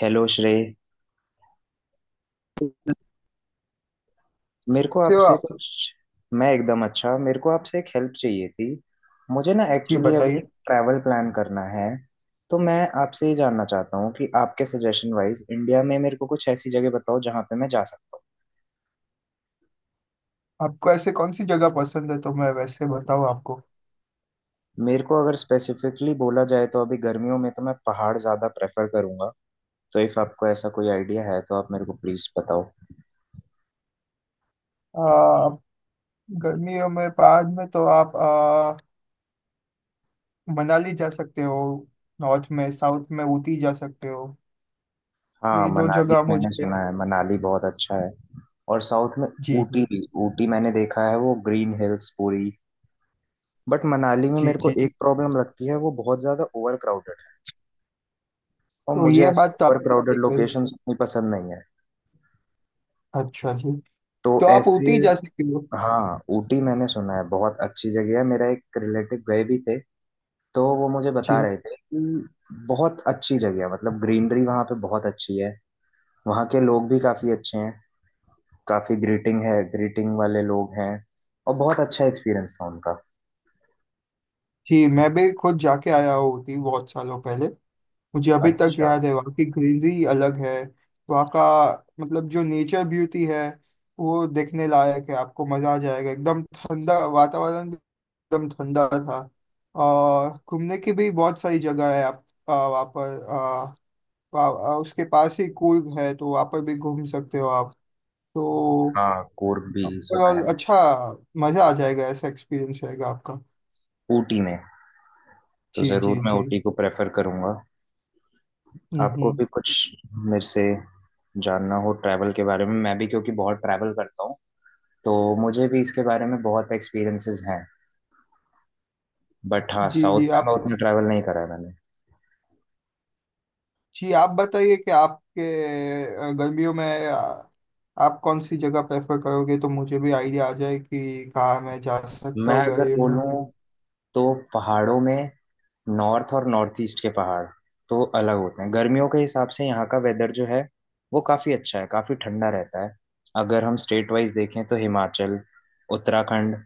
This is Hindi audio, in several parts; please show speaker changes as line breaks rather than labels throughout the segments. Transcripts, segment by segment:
हेलो श्रेय। मेरे को
सेवा।
आपसे कुछ। मैं एकदम अच्छा। मेरे को आपसे एक हेल्प चाहिए थी। मुझे ना
जी
एक्चुअली अभी
बताइए।
ट्रैवल प्लान करना है। तो मैं आपसे ये जानना चाहता हूँ कि आपके सजेशन वाइज इंडिया में मेरे को कुछ ऐसी जगह बताओ जहाँ पे मैं जा सकता
आपको ऐसे कौन सी जगह पसंद है तो मैं वैसे बताऊँ आपको।
हूँ। मेरे को अगर स्पेसिफिकली बोला जाए तो अभी गर्मियों में तो मैं पहाड़ ज़्यादा प्रेफर करूँगा। तो इफ़ आपको ऐसा कोई आइडिया है तो आप मेरे को प्लीज़ बताओ।
आ, गर्मियों में बाद में तो आप मनाली जा सकते हो। नॉर्थ में, साउथ में ऊटी जा सकते हो।
हाँ,
ये दो
मनाली
जगह
मैंने
मुझे।
सुना है, मनाली बहुत अच्छा है। और साउथ में?
जी
ऊटी
जी
भी। ऊटी मैंने देखा है, वो ग्रीन हिल्स पूरी। बट मनाली में
जी
मेरे को
जी
एक
जी।
प्रॉब्लम लगती है, वो बहुत ज्यादा ओवर क्राउडेड है। और
तो
मुझे
ये
ऐसे
बात तो
ओवर
आपने
क्राउडेड
सही कही।
लोकेशन उतनी पसंद नहीं है।
अच्छा जी।
तो
तो आप
ऐसे।
ऊटी जा सकते हो।
हाँ, ऊटी मैंने सुना है बहुत अच्छी जगह है। मेरा एक रिलेटिव गए भी थे। तो वो मुझे बता
जी
रहे थे कि बहुत अच्छी जगह है, मतलब ग्रीनरी वहाँ पे बहुत अच्छी है। वहाँ के लोग भी काफी अच्छे हैं। काफी ग्रीटिंग है, ग्रीटिंग वाले लोग हैं। और बहुत अच्छा एक्सपीरियंस था उनका।
जी, मैं भी खुद जाके आया हूँ ऊटी बहुत सालों पहले। मुझे अभी तक
अच्छा।
याद है, वहाँ की ग्रीनरी अलग है। वहाँ का मतलब जो नेचर ब्यूटी है वो देखने लायक है। आपको मजा आ जाएगा, एकदम ठंडा वातावरण भी। एकदम ठंडा था। और घूमने की भी बहुत सारी जगह है। आप वहाँ पर वा- उसके पास ही कूर्ग है, तो वहाँ पर भी घूम सकते हो आप। तो
हाँ, कोर्ग भी सुना है
overall
मैंने।
अच्छा, मजा आ जाएगा। ऐसा एक्सपीरियंस रहेगा आपका।
ऊटी में। तो
जी
जरूर
जी
मैं
जी।
ऊटी को प्रेफर करूंगा। आपको
हम्म।
भी कुछ मेरे से जानना हो ट्रैवल के बारे में, मैं भी क्योंकि बहुत ट्रैवल करता हूँ, तो मुझे भी इसके बारे में बहुत एक्सपीरियंसेस हैं। बट हाँ,
जी
साउथ
जी
में मैं
आप।
उतना ट्रैवल नहीं करा है मैंने।
जी आप बताइए कि आपके गर्मियों में आप कौन सी जगह प्रेफर करोगे, तो मुझे भी आइडिया आ जाए कि कहाँ मैं जा सकता
मैं
हूँ
अगर
गर्मियों
बोलूँ
में।
तो पहाड़ों में, नॉर्थ और नॉर्थ ईस्ट के पहाड़ तो अलग होते हैं। गर्मियों के हिसाब से यहाँ का वेदर जो है, वो काफ़ी अच्छा है, काफ़ी ठंडा रहता है। अगर हम स्टेट वाइज देखें तो हिमाचल, उत्तराखंड,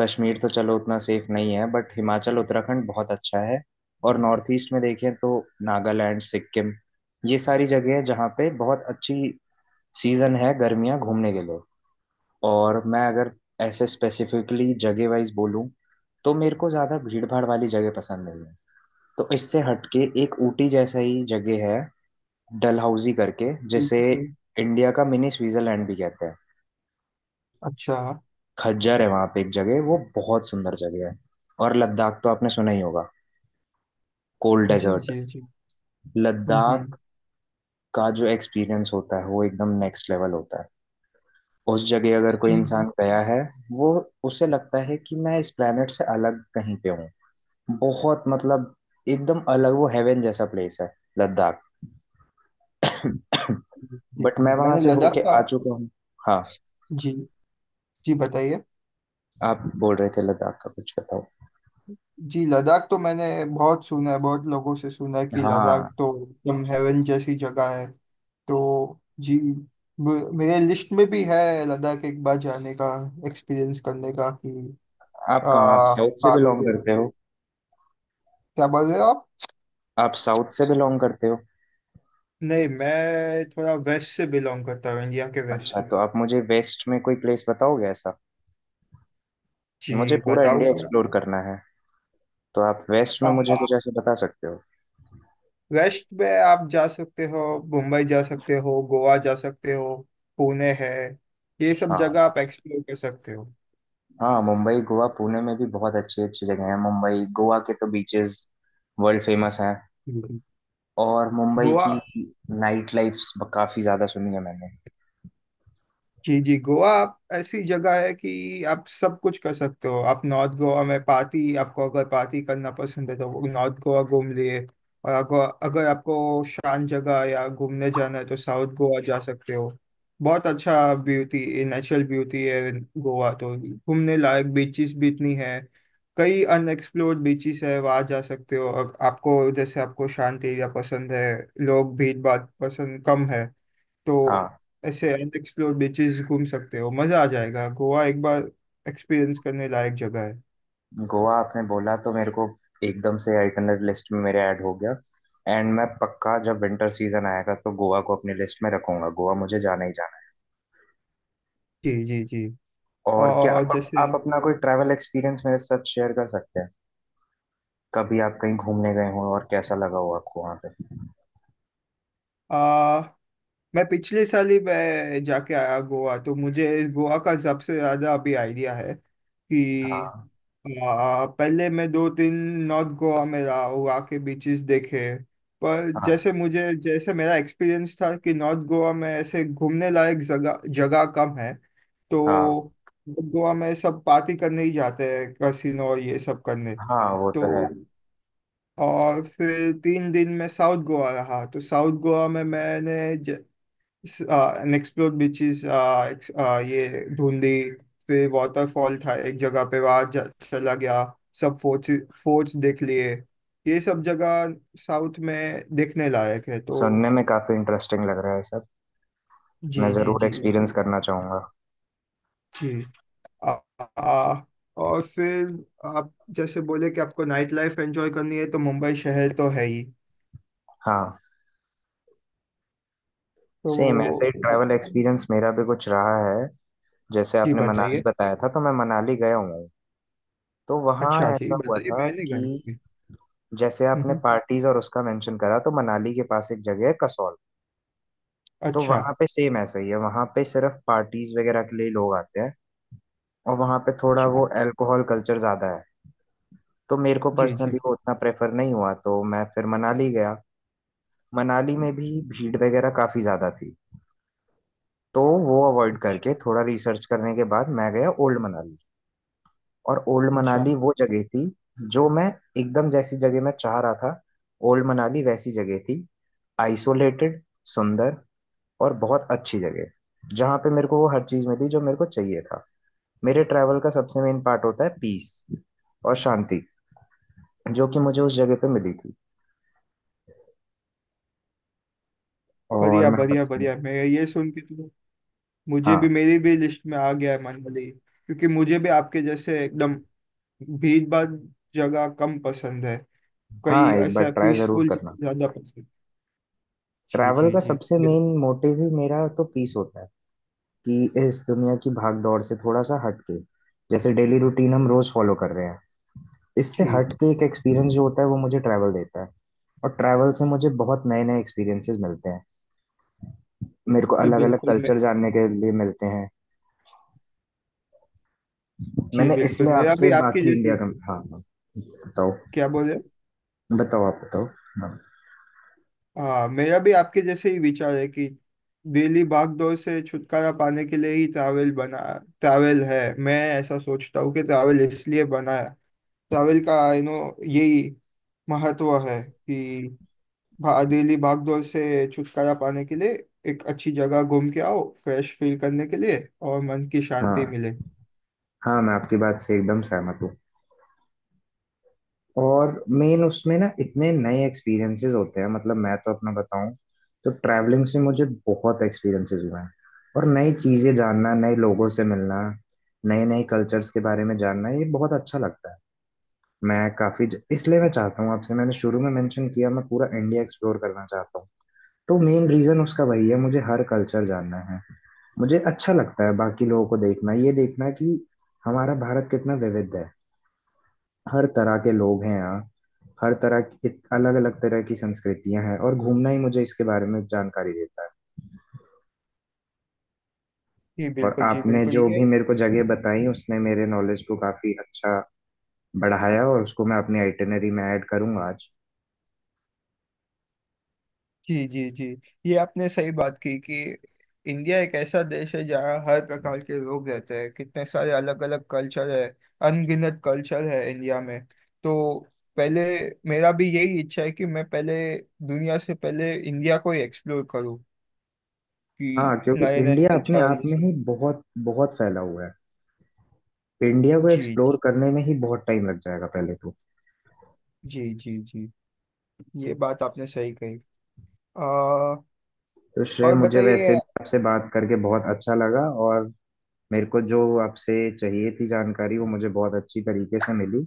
कश्मीर तो चलो उतना सेफ नहीं है, बट हिमाचल उत्तराखंड बहुत अच्छा है। और नॉर्थ ईस्ट में देखें तो नागालैंड, सिक्किम, ये सारी जगह है जहाँ पे बहुत अच्छी सीजन है, गर्मियाँ घूमने के लिए। और मैं अगर ऐसे स्पेसिफिकली जगह वाइज बोलूँ, तो मेरे को ज़्यादा भीड़ भाड़ वाली जगह पसंद नहीं है। तो इससे हटके एक ऊटी जैसा ही जगह है डलहौजी करके,
ठीक
जिसे
है सर।
इंडिया का मिनी स्विट्जरलैंड भी कहते हैं।
अच्छा
खज्जर है वहाँ पे एक जगह, वो बहुत सुंदर जगह है। और लद्दाख तो आपने सुना ही होगा। कोल्ड
जी।
डेजर्ट।
जी जी।
लद्दाख
हम्म।
का जो एक्सपीरियंस होता है, वो एकदम नेक्स्ट लेवल होता है। उस जगह अगर कोई
जी जी
इंसान गया है, वो उसे लगता है कि मैं इस प्लेनेट से अलग कहीं पे हूँ। बहुत मतलब एकदम अलग, वो हेवन जैसा प्लेस है लद्दाख।
जी। जी
बट
जी।
मैं वहां
मैंने
से
लद्दाख
होके
का।
आ चुका हूँ। हाँ।
जी। जी बताइए।
आप बोल रहे थे लद्दाख का कुछ बताओ।
जी लद्दाख तो मैंने बहुत सुना है, बहुत लोगों से सुना है कि लद्दाख
हाँ।
तो एकदम हेवन जैसी जगह है। तो जी, मेरे लिस्ट में भी है लद्दाख एक बार जाने का, एक्सपीरियंस करने का कि
आप
आ,
साउथ से बिलोंग
पादोगे।
करते हो?
क्या बोल रहे हो आप।
आप साउथ से बिलोंग करते हो?
नहीं, मैं थोड़ा वेस्ट से बिलोंग करता हूँ, इंडिया के वेस्ट
अच्छा,
से।
तो आप मुझे वेस्ट में कोई प्लेस बताओगे ऐसा? मुझे
जी
पूरा इंडिया
बताऊंगा ना।
एक्सप्लोर करना है। तो आप वेस्ट में
आ,
मुझे कुछ ऐसे बता सकते हो?
वेस्ट में आप जा सकते हो, मुंबई जा सकते हो, गोवा जा सकते हो, पुणे है। ये सब
हाँ,
जगह आप एक्सप्लोर कर सकते हो।
हाँ। मुंबई, गोवा, पुणे में भी बहुत अच्छी अच्छी जगह है। मुंबई गोवा के तो बीचेस वर्ल्ड फेमस हैं।
हम्म।
और मुंबई
गोवा।
की नाइट लाइफ काफी ज्यादा सुनी है मैंने।
जी जी, गोवा आप ऐसी जगह है कि आप सब कुछ कर सकते हो। आप नॉर्थ गोवा में पार्टी, आपको अगर पार्टी करना पसंद है तो वो नॉर्थ गोवा घूम लिए। और अगर अगर आपको शांत जगह या घूमने जाना है तो साउथ गोवा जा सकते हो। बहुत अच्छा ब्यूटी, नेचुरल ब्यूटी है। गोवा तो घूमने लायक बीचेस भी इतनी है। कई अनएक्सप्लोर्ड बीचेस है वहाँ, जा सकते हो। और आपको जैसे, आपको शांत एरिया पसंद है, लोग भीड़ भाड़ पसंद कम है, तो
हाँ।
ऐसे अनएक्सप्लोर्ड बीचेस घूम सकते हो, मज़ा आ जाएगा। गोवा एक बार एक्सपीरियंस करने लायक जगह है।
गोवा आपने बोला तो मेरे को एकदम से आइटनरी लिस्ट में मेरे ऐड हो गया। एंड मैं पक्का जब विंटर सीजन आएगा तो गोवा को अपनी लिस्ट में रखूंगा। गोवा मुझे जाना ही जाना है।
जी जी जी।
और क्या
और
आप,
जैसे,
आप अपना कोई ट्रैवल एक्सपीरियंस मेरे साथ शेयर कर सकते हैं? कभी आप कहीं घूमने गए हो और कैसा लगा हो आपको वहाँ पे?
मैं पिछले साल ही मैं जाके आया गोवा, तो मुझे गोवा का सबसे ज्यादा अभी आइडिया है कि
हाँ।
पहले मैं दो दिन नॉर्थ गोवा में रहा, गोवा के बीचेस देखे। पर
हाँ।
जैसे मुझे जैसे मेरा एक्सपीरियंस था कि नॉर्थ गोवा में ऐसे घूमने लायक जगह जगह कम है। तो
हाँ।
नॉर्थ गोवा में सब पार्टी करने ही जाते हैं, कैसीनो और ये सब करने।
हाँ, वो तो है।
तो और फिर तीन दिन मैं साउथ गोवा रहा, तो साउथ गोवा में मैंने एक्सप्लोर्ड बीचेस, ये धुंधी, फिर वाटरफॉल था एक जगह पे वहाँ चला गया। सब फोर्ट्स, फोर्ट्स देख लिए। ये सब जगह साउथ में देखने लायक है। तो
सुनने में काफी इंटरेस्टिंग लग रहा है सब। मैं
जी जी
जरूर
जी
एक्सपीरियंस करना चाहूंगा।
जी। आ, आ, और फिर आप जैसे बोले कि आपको नाइट लाइफ एंजॉय करनी है, तो मुंबई शहर तो है ही।
हाँ, सेम
तो
ऐसे ही
आप।
ट्रैवल एक्सपीरियंस मेरा भी कुछ रहा है। जैसे
जी
आपने मनाली
बताइए।
बताया था तो मैं मनाली गया हूँ। तो वहाँ
अच्छा जी
ऐसा हुआ
बताइए,
था
मैंने
कि
गए कभी।
जैसे
हम्म।
आपने पार्टीज और उसका मेंशन करा, तो मनाली के पास एक जगह है कसौल। तो
अच्छा।
वहाँ पे सेम ऐसा ही है, वहाँ पे सिर्फ पार्टीज वगैरह के लिए लोग आते हैं। और वहाँ पे थोड़ा
अच्छा।
वो अल्कोहल कल्चर ज्यादा है। तो मेरे को
जी जी
पर्सनली वो
जी।
उतना प्रेफर नहीं हुआ, तो मैं फिर मनाली गया। मनाली में भी भीड़ वगैरह काफी ज्यादा थी। तो वो अवॉइड करके थोड़ा रिसर्च करने के बाद मैं गया ओल्ड मनाली। और ओल्ड
अच्छा।
मनाली वो जगह थी जो मैं एकदम जैसी जगह मैं चाह रहा था। ओल्ड मनाली वैसी जगह थी, आइसोलेटेड, सुंदर और बहुत अच्छी जगह, जहाँ पे मेरे को वो हर चीज मिली जो मेरे को चाहिए था। मेरे ट्रैवल का सबसे मेन पार्ट होता है पीस और शांति, जो कि मुझे उस जगह पे मिली थी। और
बढ़िया
मैं
बढ़िया
आपको।
बढ़िया, मैं ये सुन के तो मुझे
हाँ,
भी, मेरी भी लिस्ट में आ गया है मनाली, क्योंकि मुझे भी आपके जैसे एकदम भीड़ भाड़ जगह कम पसंद है,
हाँ,
कई
एक बार
ऐसा
ट्राई जरूर
पीसफुल
करना।
ज्यादा पसंद। जी
ट्रैवल
जी
का
जी,
सबसे मेन
बिल्कुल।
मोटिव ही मेरा तो पीस होता है, कि इस दुनिया की भाग दौड़ से थोड़ा सा हट के, जैसे डेली रूटीन हम रोज फॉलो कर रहे हैं, इससे
जी
हट के एक एक्सपीरियंस जो होता है वो मुझे ट्रैवल देता है। और ट्रैवल से मुझे बहुत नए नए एक्सपीरियंसेस मिलते हैं। मेरे को
जी
अलग अलग
बिल्कुल, मैं।
कल्चर जानने के लिए मिलते हैं।
जी
मैंने
बिल्कुल,
इसलिए
मेरा
आपसे
भी आपके
बाकी इंडिया
जैसे।
का। हाँ, हाँ, बताओ।
क्या बोले।
बताओ आप बताओ। हाँ।
हाँ, मेरा भी आपके जैसे ही विचार है कि डेली भाग दौड़ से छुटकारा पाने के लिए ही ट्रैवल बना। ट्रैवल है, मैं ऐसा सोचता हूँ कि ट्रैवल इसलिए बना है। ट्रैवल का यही महत्व है कि डेली भागदौड़ से छुटकारा पाने के लिए एक अच्छी जगह घूम के आओ, फ्रेश फील करने के लिए, और मन की शांति
हाँ,
मिले।
हाँ। मैं आपकी बात से एकदम सहमत हूँ। और मेन उसमें ना इतने नए एक्सपीरियंसेस होते हैं, मतलब मैं तो अपना बताऊं, तो ट्रैवलिंग से मुझे बहुत एक्सपीरियंसेस हुए हैं। और नई चीजें जानना, नए लोगों से मिलना, नए नए कल्चर्स के बारे में जानना, ये बहुत अच्छा लगता है। मैं इसलिए मैं चाहता हूँ आपसे, मैंने शुरू में मेंशन किया, मैं पूरा इंडिया एक्सप्लोर करना चाहता हूँ। तो मेन रीजन उसका वही है, मुझे हर कल्चर जानना है। मुझे अच्छा लगता है बाकी लोगों को देखना, ये देखना कि हमारा भारत कितना विविध है। हर तरह के लोग हैं यहाँ। हर तरह की, अलग अलग तरह की संस्कृतियां हैं, और घूमना ही मुझे इसके बारे में जानकारी देता है।
जी
और
बिल्कुल। जी
आपने
बिल्कुल
जो
ये।
भी मेरे को जगह बताई, उसने मेरे नॉलेज को काफी अच्छा बढ़ाया, और उसको मैं अपनी आइटिनरी में ऐड करूंगा आज।
जी जी जी। ये आपने सही बात की कि इंडिया एक ऐसा देश है जहाँ हर प्रकार के लोग रहते हैं, कितने सारे अलग अलग कल्चर है, अनगिनत कल्चर है इंडिया में। तो पहले, मेरा भी यही इच्छा है कि मैं पहले, दुनिया से पहले इंडिया को ही एक्सप्लोर करूँ, कि
हाँ, क्योंकि
नए नए
इंडिया
कल्चर
अपने
और
आप
ये
में
सब।
ही बहुत बहुत फैला हुआ है। इंडिया को
जी
एक्सप्लोर करने में ही बहुत टाइम लग जाएगा पहले तो।
जी जी जी। ये बात आपने सही कही। आ,
तो श्रेय,
और
मुझे वैसे
बताइए।
भी आपसे बात करके बहुत अच्छा लगा। और मेरे को जो आपसे चाहिए थी जानकारी, वो मुझे बहुत अच्छी तरीके से मिली।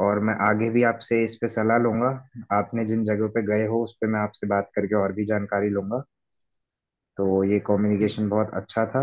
और मैं आगे भी आपसे इस पे सलाह लूंगा। आपने जिन जगहों पे गए हो उस पे मैं आपसे बात करके और भी जानकारी लूंगा। तो ये
जी
कम्युनिकेशन बहुत अच्छा था।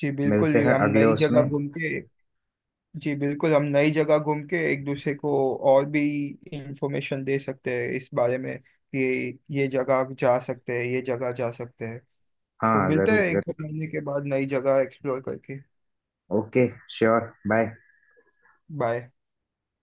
जी बिल्कुल
मिलते हैं
हम
अगले
नई
उसमें।
जगह घूम के। जी बिल्कुल, हम नई जगह घूम के एक दूसरे को और भी इंफॉर्मेशन दे सकते हैं इस बारे में कि ये जगह जा सकते हैं, ये जगह जा सकते हैं। तो
हाँ,
मिलते हैं
जरूर
एक दो
जरूर।
महीने के बाद नई जगह एक्सप्लोर करके।
ओके। Sure, bye.
बाय।